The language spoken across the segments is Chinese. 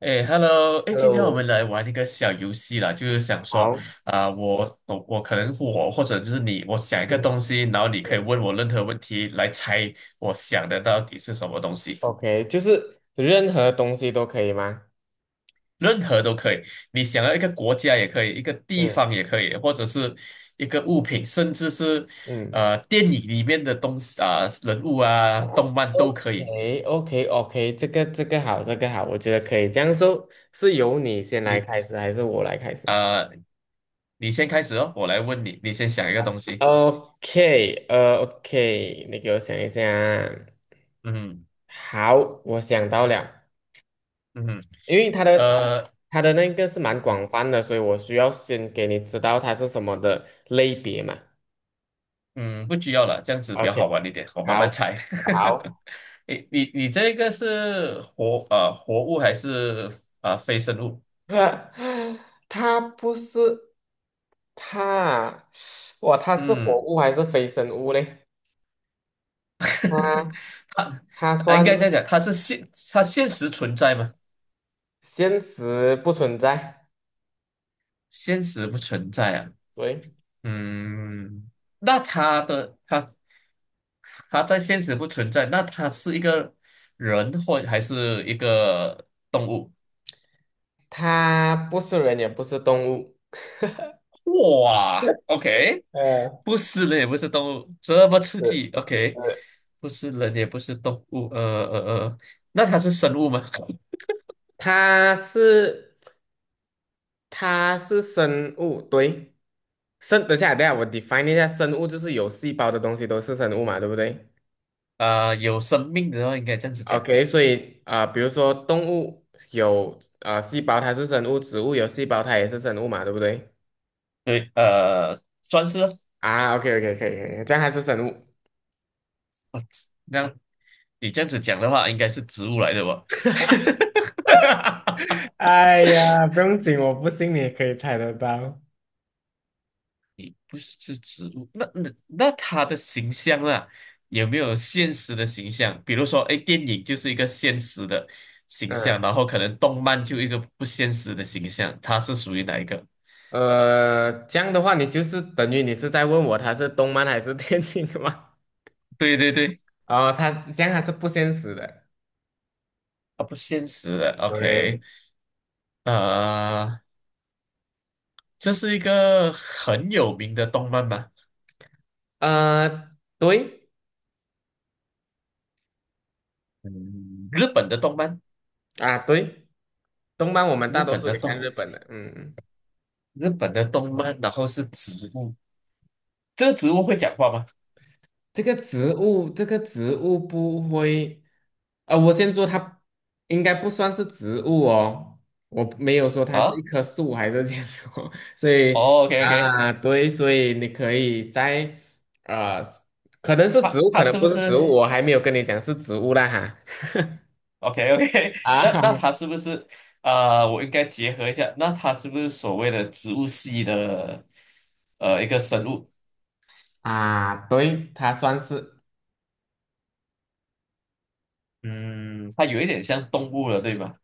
哎，Hello，哎，今天我们 Hello，来玩一个小游戏啦，就是想说好，我可能我或者就是你，我想一个嗯东西，然后你可以嗯问我任何问题来猜我想的到底是什么东西，，OK，就是任何东西都可以吗？任何都可以。你想要一个国家也可以，一个地嗯方也可以，或者是一个物品，甚至是嗯，电影里面的东西啊、人物啊、动漫 o 都可以。k o k o k 这个好，这个好，我觉得可以。这样说是由你先来你开始，还是我来开始啊、呃你先开始哦，我来问你，你先想一个东西。？OK，OK，你给我想一下啊嗯好，我想到了，嗯，因为它的呃。它的那个是蛮广泛的，所以我需要先给你知道它是什么的类别嘛。嗯，不需要了，这样子比较好 OK，玩一点，我慢慢好，猜。好，你这个是活活物还是非生物？它不是它啊，哇，它是活嗯，物还是非生物嘞？它它它应算该这样讲，它是现现实存在吗？现实不存在，现实不存在啊。对，嗯，那它的它在现实不存在，那它是一个人或还是一个动物？它不是人也不是动物，哇，OK，呃，不是人也不是动物，这么刺激，OK，不是人也不是动物，呃，那它是生物吗？它是它是生物，对，生，等一下等一下，我 define 一下，生物就是有细胞的东西都是生物嘛，对不对有生命的话应该这样子讲，？OK,所以啊、比如说动物有啊细胞，它是生物；植物有细胞，它也是生物嘛，对不对？对，算是啊，啊，OK OK 可以可以，这样还是生物。那你这样子讲的话，应该是植物来的吧？哎呀，不用紧，我不信你也可以猜得到。不是植物，那它的形象啦，有没有现实的形象？比如说，哎，电影就是一个现实的形象，嗯，然后可能动漫就一个不现实的形象，它是属于哪一个？这样的话，你就是等于你是在问我它是动漫还是电竞的吗？对对对，哦，它这样还是不现实的。啊，不现实的对。，OK，呃，这是一个很有名的动漫吗？呃，对嗯，日本的动漫，啊，对，动漫我们日大多本数的也看动，日本的。嗯，日本的动漫，然后是植物，这个植物会讲话吗？这个植物不会。啊，我先说它应该不算是植物哦，我没有说它是一啊，棵树还是这样说，所以哦，OK OK，啊，对，所以你可以在呃，可能是植它物，它可能是不不是是？植物，我还没有跟你讲是植物啦哈。OK OK，那那啊它是不是我应该结合一下，那它是不是所谓的植物系的一个生物？啊，对，它算是嗯，它有一点像动物了，对吧？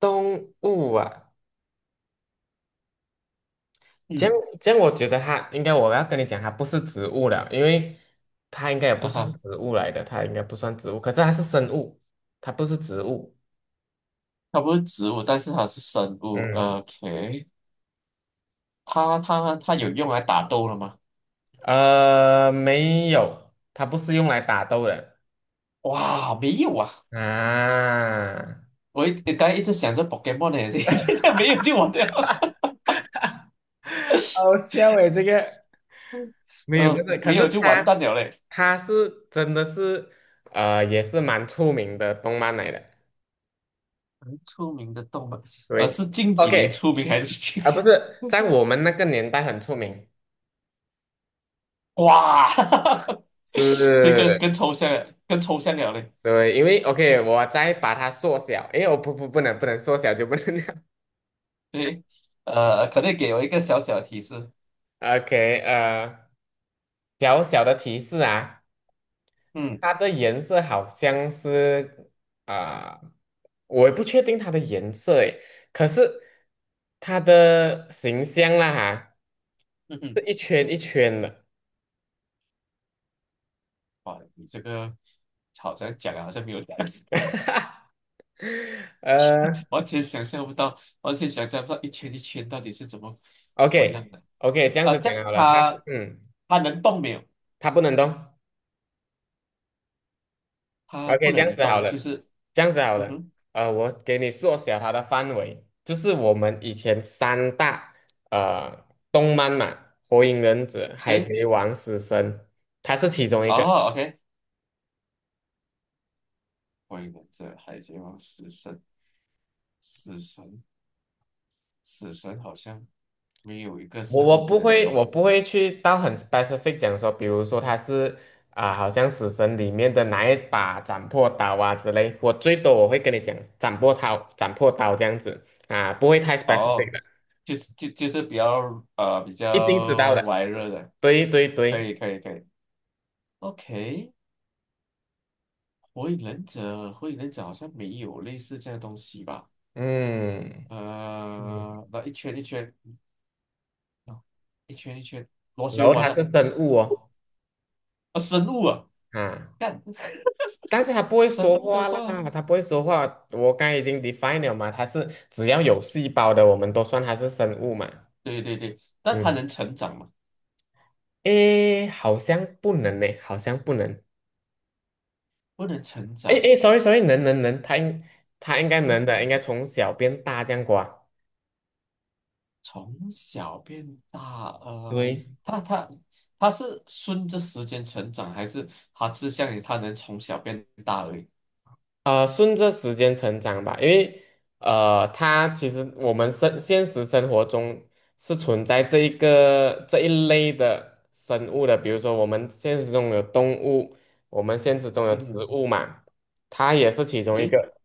动物啊。这样嗯，这样，我觉得它应该我要跟你讲，它不是植物了，因为它应该也不啊算哈，植物来的，它应该不算植物，可是它是生物，它不是植物。它不是植物，但是它是生物。嗯。OK，它有用来打斗了吗？没有，它不是用来打斗的哇，没有啊！啊，我刚才一直想着 Pokemon 呢，现在没有就完了，好笑诶，这个 没有，不呃，是，可没是有就完它蛋了嘞。它是真的是也是蛮出名的动漫来的，很出名的动漫，呃，对是近几年，OK 出名还是近？啊，不是在我们那个年代很出名，哇，是，这个更抽象了，更抽象了嘞。对，因为 OK,我再把它缩小，诶，我不能缩小就不能 对，呃，可能给我一个小小的提示。，OK,小小的提示啊。嗯它的颜色好像是啊、我也不确定它的颜色诶，可是它的形象啦哈，嗯哼，是一圈一圈的，哇，你这个好像讲了，好像没有讲，呃 完全想象不到，完全想象不到一圈一圈到底是怎么，OK 怎么样的。OK,这样子这样讲好了，它是它嗯，能动没有？它不能动，它不 OK,这样能子好动，就了，是这样子好嗯了，哼，我给你缩小它的范围，就是我们以前三大呃动漫嘛，《火影忍者》《海对，贼王》《死神》，它是其中一哦个。，OK，关于这海贼王死神，死神，死神好像没有一个我生物我不不能会，我动。不会去到很 specific 讲说，比如说它是啊、好像《死神》里面的哪一把斩魄刀啊之类，我最多我会跟你讲斩破刀、斩破刀这样子啊、不会太 specific 哦，的，就是是比较比一定知道较的。玩热的，对对可对，以可以可以，OK，火影忍者好像没有类似这样的东西吧？嗯。嗯，呃，那一圈一圈，啊，一圈一圈螺然旋后丸它是的生物哦，啊，生物啊，啊，干但是它不会生说物的话啦，话，它不会说话。我刚才已经 define 了嘛，它是只要有细胞的，我们都算它是生物嘛。对对对，那它嗯，能成长吗？诶，好像不能呢，好像不能。不能成诶长，诶，sorry sorry,能能能，它应该能的，应该从小变大这样过啊。从小变大，呃，对，他他他是顺着时间成长，还是他是想你，他能从小变大而已？顺着时间成长吧，因为它其实我们现实生活中是存在这一个这一类的生物的，比如说我们现实中有动物，我们现实中有植嗯物嘛，它也是其中一诶，个。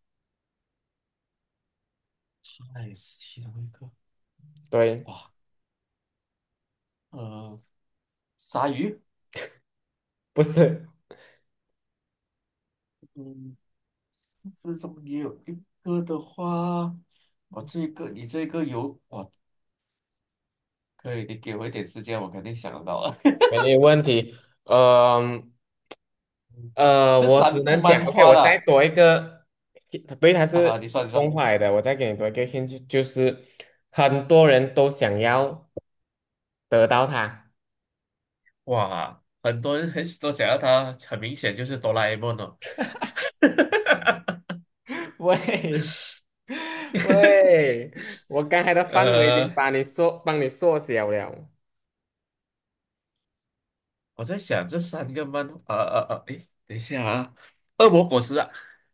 那哎，是其中一个，对，哇，呃，鲨鱼，不是，嗯，这中也有一个的话，我这个你这个有，哇，可以，你给我一点时间，我肯定想得到了。没有问题。呃嗯这我只三部能讲漫，OK,画我再了多一个，对，它啊，是你说你动说，画来的，我再给你多一个 hint,就是很多人都想要得到它。哇，很多人很都想要它，很明显就是哆啦 A 梦哦。哈哈哈 喂喂，我刚才的范围已经呃，把你缩，帮你缩小了。我在想这三个漫，诶，等一下啊，恶魔果实啊，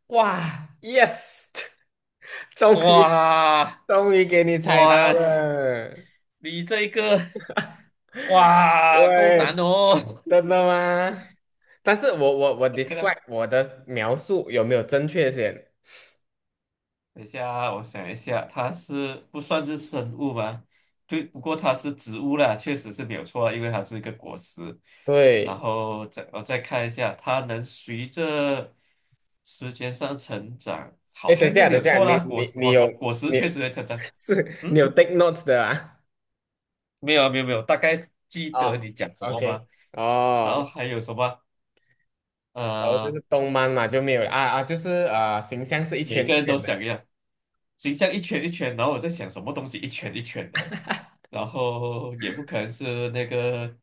哇，yes,终于哇终于给你猜到哇，了。你这个哇够难喂，哦 真的吗？但是，OK 了，我的描述有没有正确些？等一下，我想一下，它是不算是生物吗？对，不过它是植物啦，确实是没有错啊，因为它是一个果实。然对，后再我再看一下，它能随着时间上成长，好哎，等一像又下没等有一下，错你啦。果你你果有果实你 确实在成长。是你嗯，有 take notes 的啊？没有啊没有没有，大概记得哦你讲什么，OK,吗？然后哦。还有什么？然后就是呃，动漫嘛，就没有了啊啊，就是形象是一每圈个一人都圈的。想一样，形象一圈一圈，然后我在想什么东西一圈一圈的。然后也不可能是那个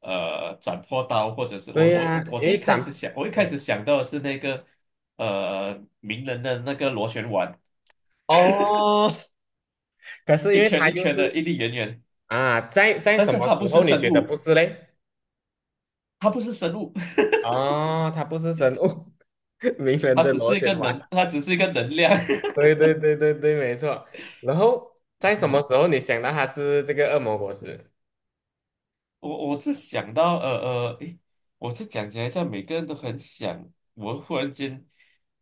斩破刀，或者是对呀、我因第一为开长始想，我一开始嗯想到的是那个名人的那个螺旋丸，哦，可是因一为圈它一又圈的，是一粒圆圆，啊，在但什是么它不时是候你生觉得不物，是嘞？它不是生物，哦，它不是生物，名 人它的只螺是一个旋丸。能，它只是一个能量。对对对对对，没错。然后在什么嗯，时候你想到它是这个恶魔果实？我是想到呃，诶，我是讲起来像每个人都很想，我忽然间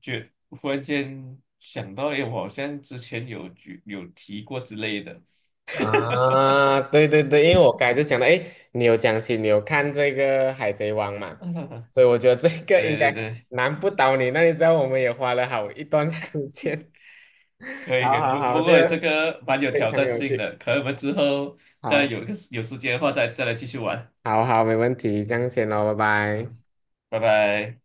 觉，忽然间想到，诶，我好像之前有举有提过之类的。啊，对对对，因为我刚才就想到，哎，你有讲起你有看这个《海贼王》嘛，嗯，所以我觉得这个应对该对对，难不嗯倒你。那你知道我们也花了好一段时间，可 以可好以，好好，不这过这个个蛮有非挑常战有性趣，的，可能我们之后再好，有一个有时间的话再来继续玩。好好，没问题，这样先咯，拜拜。嗯，拜拜。